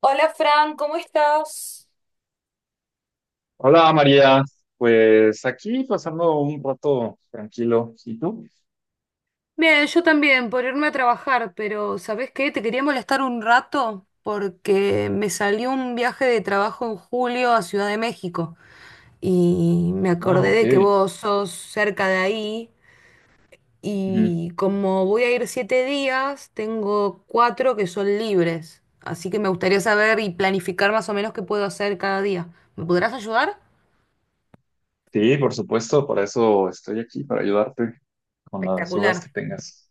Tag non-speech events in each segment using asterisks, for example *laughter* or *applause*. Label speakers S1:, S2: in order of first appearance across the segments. S1: Hola Fran, ¿cómo estás?
S2: Hola María, pues aquí pasando un rato tranquilo. ¿Y tú?
S1: Bien, yo también, por irme a trabajar, pero ¿sabés qué? Te quería molestar un rato porque me salió un viaje de trabajo en julio a Ciudad de México y me
S2: Ah,
S1: acordé
S2: ok.
S1: de que vos sos cerca de ahí
S2: Ujú.
S1: y como voy a ir 7 días, tengo cuatro que son libres, así que me gustaría saber y planificar más o menos qué puedo hacer cada día. ¿Me podrás ayudar?
S2: Sí, por supuesto, para eso estoy aquí, para ayudarte con las dudas que
S1: Espectacular.
S2: tengas.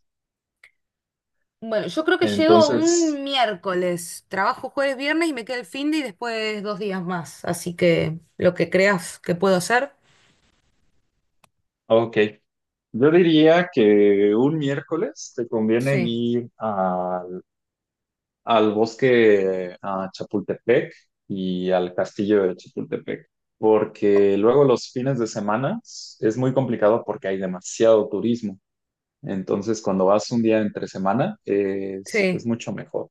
S1: Bueno, yo creo que llego
S2: Entonces,
S1: un miércoles. Trabajo jueves, viernes y me queda el fin de y después 2 días más. Así que lo que creas que puedo hacer.
S2: ok. Yo diría que un miércoles te conviene
S1: Sí,
S2: al bosque a Chapultepec y al castillo de Chapultepec, porque luego los fines de semana es muy complicado porque hay demasiado turismo. Entonces, cuando vas un día entre semana, es,
S1: sí.
S2: es mucho mejor.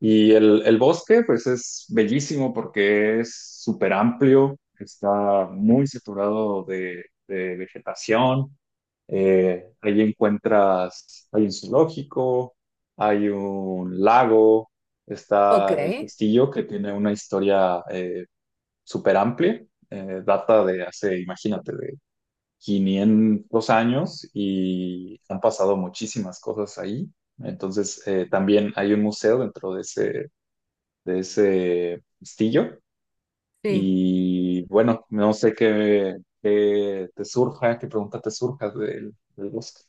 S2: Y el bosque, pues es bellísimo porque es súper amplio, está muy saturado de vegetación. Ahí encuentras, hay un zoológico, hay un lago,
S1: Ok,
S2: está el castillo que tiene una historia súper amplia, data de hace, imagínate, 500 años, y han pasado muchísimas cosas ahí. Entonces, también hay un museo dentro de ese castillo.
S1: sí.
S2: Y bueno, no sé qué te surja, qué pregunta te surja del bosque.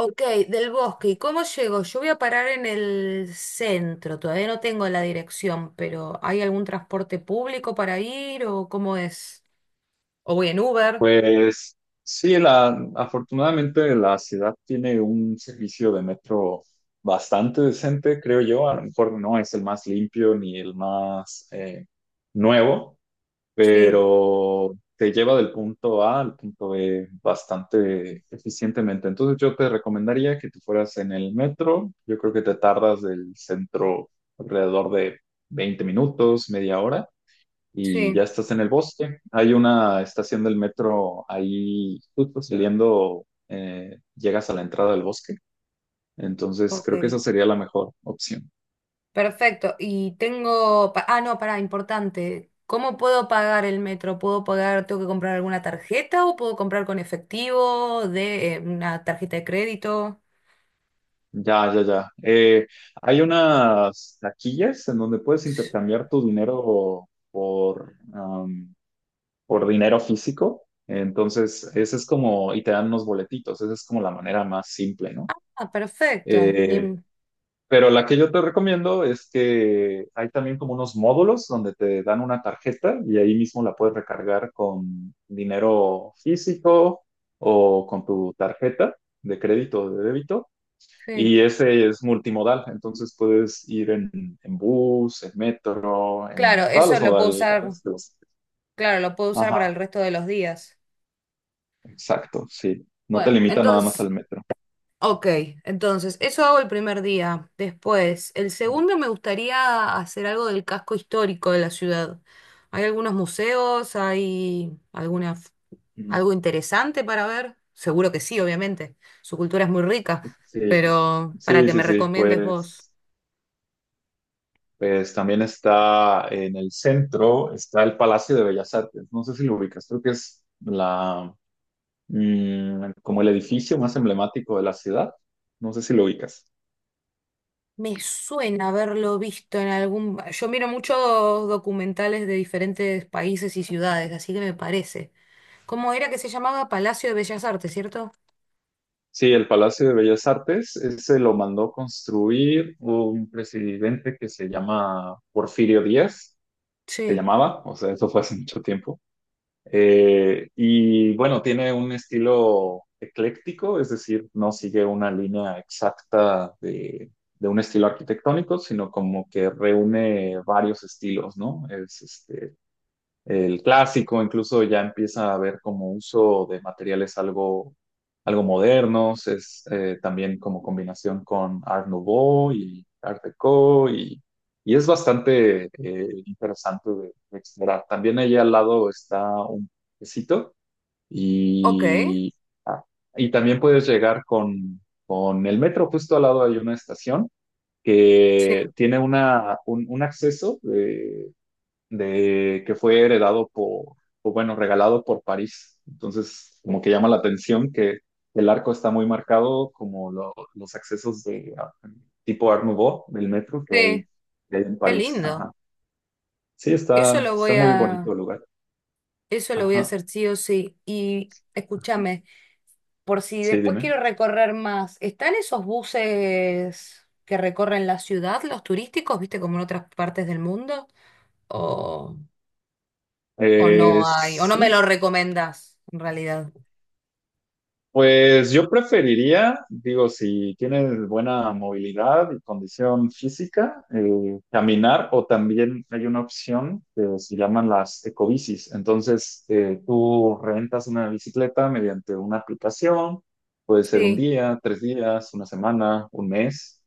S1: Ok, del bosque. ¿Y cómo llego? Yo voy a parar en el centro. Todavía no tengo la dirección, pero ¿hay algún transporte público para ir o cómo es? ¿O voy en Uber?
S2: Pues sí, la, afortunadamente la ciudad tiene un servicio de metro bastante decente, creo yo. A lo mejor no es el más limpio ni el más nuevo,
S1: Sí,
S2: pero te lleva del punto A al punto B bastante eficientemente. Entonces yo te recomendaría que tú fueras en el metro. Yo creo que te tardas del centro alrededor de 20 minutos, media hora, y
S1: sí.
S2: ya estás en el bosque. Hay una estación del metro ahí justo saliendo, llegas a la entrada del bosque. Entonces creo que
S1: Ok.
S2: esa sería la mejor opción.
S1: Perfecto. Ah, no, pará, importante. ¿Cómo puedo pagar el metro? ¿Puedo pagar, tengo que comprar alguna tarjeta o puedo comprar con efectivo de una tarjeta de crédito?
S2: Ya, ya, ya. Hay unas taquillas en donde puedes
S1: S-
S2: intercambiar tu dinero por por dinero físico. Entonces, ese es como, y te dan unos boletitos, esa es como la manera más simple, ¿no?
S1: Ah, perfecto.
S2: Eh,
S1: Ni-
S2: pero la que yo te recomiendo es que hay también como unos módulos donde te dan una tarjeta y ahí mismo la puedes recargar con dinero físico o con tu tarjeta de crédito o de débito.
S1: sí.
S2: Y ese es multimodal, entonces puedes ir en bus, en metro, en
S1: Claro,
S2: todas
S1: eso
S2: las
S1: lo puedo usar,
S2: modalidades
S1: claro, lo puedo usar para el
S2: Ajá,
S1: resto de los días.
S2: exacto, sí. No te
S1: Bueno,
S2: limita nada más
S1: entonces,
S2: al metro.
S1: ok, entonces, eso hago el primer día. Después, el segundo me gustaría hacer algo del casco histórico de la ciudad. ¿Hay algunos museos, hay alguna
S2: Ujú.
S1: algo interesante para ver? Seguro que sí, obviamente. Su cultura es muy rica,
S2: Sí,
S1: pero para
S2: sí,
S1: que
S2: sí,
S1: me
S2: sí.
S1: recomiendes vos.
S2: Pues también está en el centro, está el Palacio de Bellas Artes. No sé si lo ubicas, creo que es como el edificio más emblemático de la ciudad. No sé si lo ubicas.
S1: Me suena haberlo visto. Yo miro muchos documentales de diferentes países y ciudades, así que me parece. ¿Cómo era que se llamaba? Palacio de Bellas Artes, ¿cierto?
S2: Sí, el Palacio de Bellas Artes, ese lo mandó construir un presidente que se llama Porfirio Díaz, se
S1: Sí.
S2: llamaba, o sea, eso fue hace mucho tiempo. Y bueno, tiene un estilo ecléctico, es decir, no sigue una línea exacta de un estilo arquitectónico, sino como que reúne varios estilos, ¿no? Es este, el clásico, incluso ya empieza a haber como uso de materiales algo modernos, es también como combinación con Art Nouveau y Art Deco y es bastante interesante de explorar. También allí al lado está un quesito
S1: Ok.
S2: y, ah, y también puedes llegar con el metro, justo al lado hay una estación
S1: Sí.
S2: que tiene un acceso de que fue heredado por, o bueno, regalado por París. Entonces, como que llama la atención que el arco está muy marcado, como los accesos de tipo Art Nouveau del metro
S1: Sí.
S2: que hay en
S1: Qué
S2: París.
S1: lindo.
S2: Ajá. Sí,
S1: Eso
S2: está,
S1: lo
S2: está
S1: voy
S2: muy bonito
S1: a...
S2: el lugar.
S1: Eso lo voy a
S2: Ajá.
S1: hacer sí o sí. Y escúchame, por si
S2: Sí,
S1: después
S2: dime.
S1: quiero recorrer más, ¿están esos buses que recorren la ciudad, los turísticos, viste, como en otras partes del mundo? ¿O, o
S2: Eh,
S1: no hay? ¿O no me
S2: sí,
S1: lo recomendás, en realidad?
S2: Pues yo preferiría, digo, si tienes buena movilidad y condición física, caminar, o también hay una opción que se llaman las ecobicis. Entonces, tú rentas una bicicleta mediante una aplicación, puede ser un
S1: Sí,
S2: día, 3 días, una semana, un mes,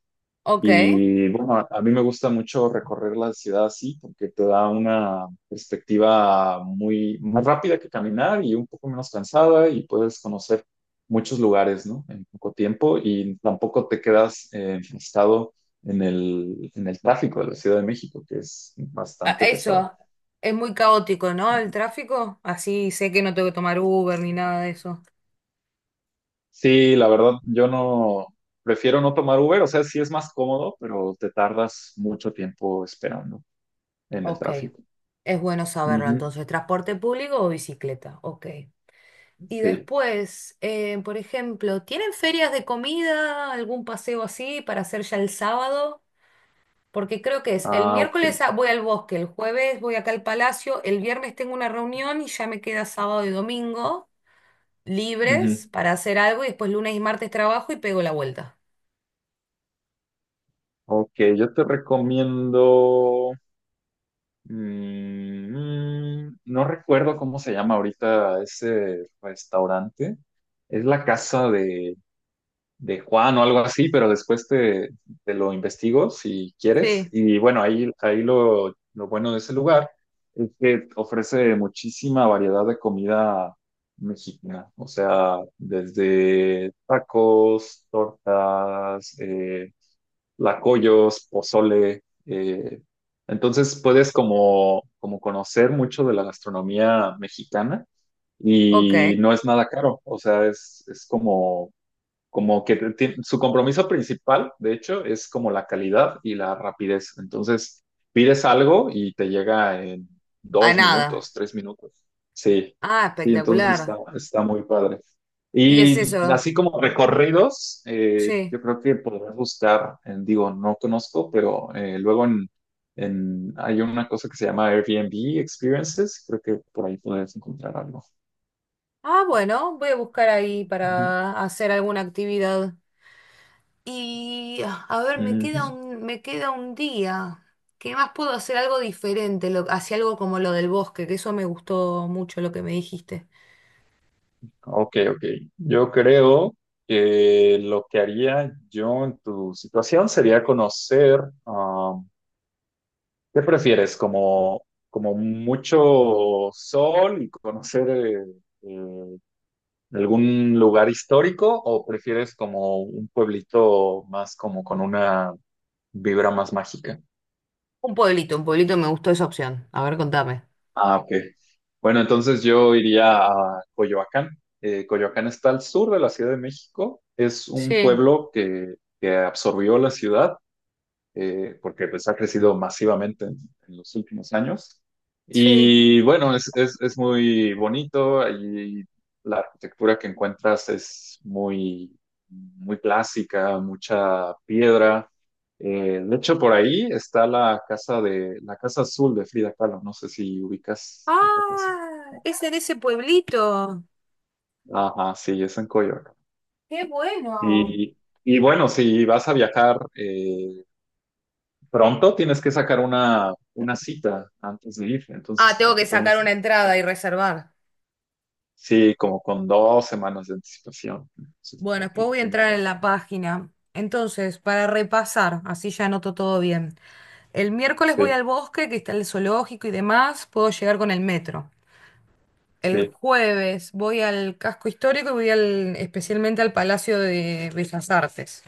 S1: ok.
S2: y bueno, a mí me gusta mucho recorrer la ciudad así porque te da una perspectiva muy más rápida que caminar y un poco menos cansada y puedes conocer muchos lugares, ¿no? En poco tiempo y tampoco te quedas enfrascado en en el tráfico de la Ciudad de México, que es
S1: Ah,
S2: bastante pesado.
S1: eso, es muy caótico, ¿no?
S2: ¿No?
S1: El tráfico, así sé que no tengo que tomar Uber ni nada de eso.
S2: Sí, la verdad, yo no prefiero no tomar Uber, o sea, sí es más cómodo, pero te tardas mucho tiempo esperando en el
S1: Ok,
S2: tráfico.
S1: es bueno saberlo
S2: Ujú.
S1: entonces, ¿transporte público o bicicleta? Ok. Y
S2: Sí.
S1: después, por ejemplo, ¿tienen ferias de comida, algún paseo así para hacer ya el sábado? Porque creo que es el
S2: Ah, ok.
S1: miércoles voy al bosque, el jueves voy acá al palacio, el viernes tengo una reunión y ya me queda sábado y domingo libres
S2: Ujú.
S1: para hacer algo y después lunes y martes trabajo y pego la vuelta.
S2: Ok, yo te recomiendo. No recuerdo cómo se llama ahorita ese restaurante. Es la casa de Juan o algo así, pero después te lo investigo si quieres.
S1: Sí.
S2: Y bueno, lo bueno de ese lugar es que ofrece muchísima variedad de comida mexicana. O sea, desde tacos, tortas, lacoyos, pozole. Entonces puedes como conocer mucho de la gastronomía mexicana
S1: Ok,
S2: y no es nada caro, o sea, es como como que su compromiso principal, de hecho, es como la calidad y la rapidez. Entonces, pides algo y te llega en
S1: a
S2: dos
S1: nada.
S2: minutos, 3 minutos. Sí,
S1: Ah,
S2: sí, entonces
S1: espectacular.
S2: está muy padre.
S1: Y es
S2: Y
S1: eso,
S2: así como recorridos,
S1: sí.
S2: yo creo que podrás buscar, digo, no conozco, pero hay una cosa que se llama Airbnb Experiences, creo que por ahí podrás encontrar algo.
S1: Ah, bueno, voy a buscar ahí
S2: Ujú,
S1: para hacer alguna actividad. Y ah, a ver, me queda
S2: ujú.
S1: un, me queda un día. ¿Qué más puedo hacer algo diferente? Lo, hacia algo como lo del bosque, que eso me gustó mucho lo que me dijiste.
S2: Ok, ok. Yo creo que lo que haría yo en tu situación sería conocer, ah, ¿qué prefieres? Como mucho sol y conocer eh, algún lugar histórico, o prefieres como un pueblito más como con una vibra más mágica?
S1: Un pueblito me gustó esa opción. A ver, contame.
S2: Ah, ok. Bueno, entonces yo iría a Coyoacán. Coyoacán está al sur de la Ciudad de México. Es un
S1: Sí,
S2: pueblo que absorbió la ciudad porque pues ha crecido masivamente en los últimos años.
S1: sí.
S2: Y bueno, es muy bonito, ahí la arquitectura que encuentras es muy clásica, mucha piedra. De hecho, por ahí está la casa azul de Frida Kahlo. No sé si ubicas esa casa.
S1: Ah, es en ese pueblito.
S2: Ajá, sí, es en Coyoacán.
S1: Qué bueno.
S2: Y, y bueno, si vas a viajar, pronto tienes que sacar una cita antes de ir,
S1: Ah,
S2: entonces
S1: tengo
S2: para
S1: que
S2: que
S1: sacar
S2: tomes,
S1: una entrada y reservar.
S2: sí, como con 2 semanas de anticipación, entonces,
S1: Bueno,
S2: para que
S1: después
S2: lo
S1: voy a
S2: tengas
S1: entrar
S2: en
S1: en
S2: cuenta.
S1: la página. Entonces, para repasar, así ya anoto todo bien. El miércoles voy
S2: Sí,
S1: al bosque, que está el zoológico y demás, puedo llegar con el metro. El
S2: sí,
S1: jueves voy al casco histórico y voy al, especialmente al Palacio de Bellas Artes.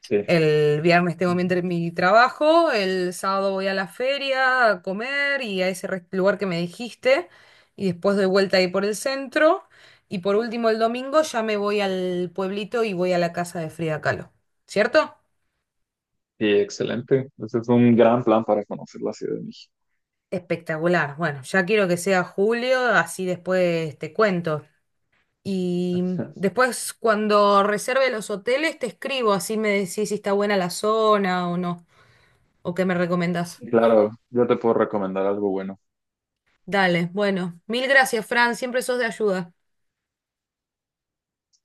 S2: sí.
S1: El viernes tengo mi,
S2: Ujú.
S1: entre- mi trabajo, el sábado voy a la feria a comer y a ese lugar que me dijiste, y después doy vuelta ahí por el centro. Y por último, el domingo ya me voy al pueblito y voy a la casa de Frida Kahlo. ¿Cierto?
S2: Sí, excelente. Ese es un gran plan para conocer la Ciudad de México.
S1: Espectacular. Bueno, ya quiero que sea julio, así después te cuento. Y
S2: *laughs*
S1: después cuando reserve los hoteles te escribo, así me decís si está buena la zona o no, o qué me recomendás.
S2: Sí, claro, yo te puedo recomendar algo bueno.
S1: Dale, bueno, mil gracias, Fran, siempre sos de ayuda.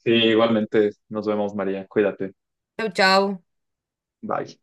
S2: Sí, igualmente, nos vemos, María. Cuídate.
S1: Chau, chau.
S2: Bye.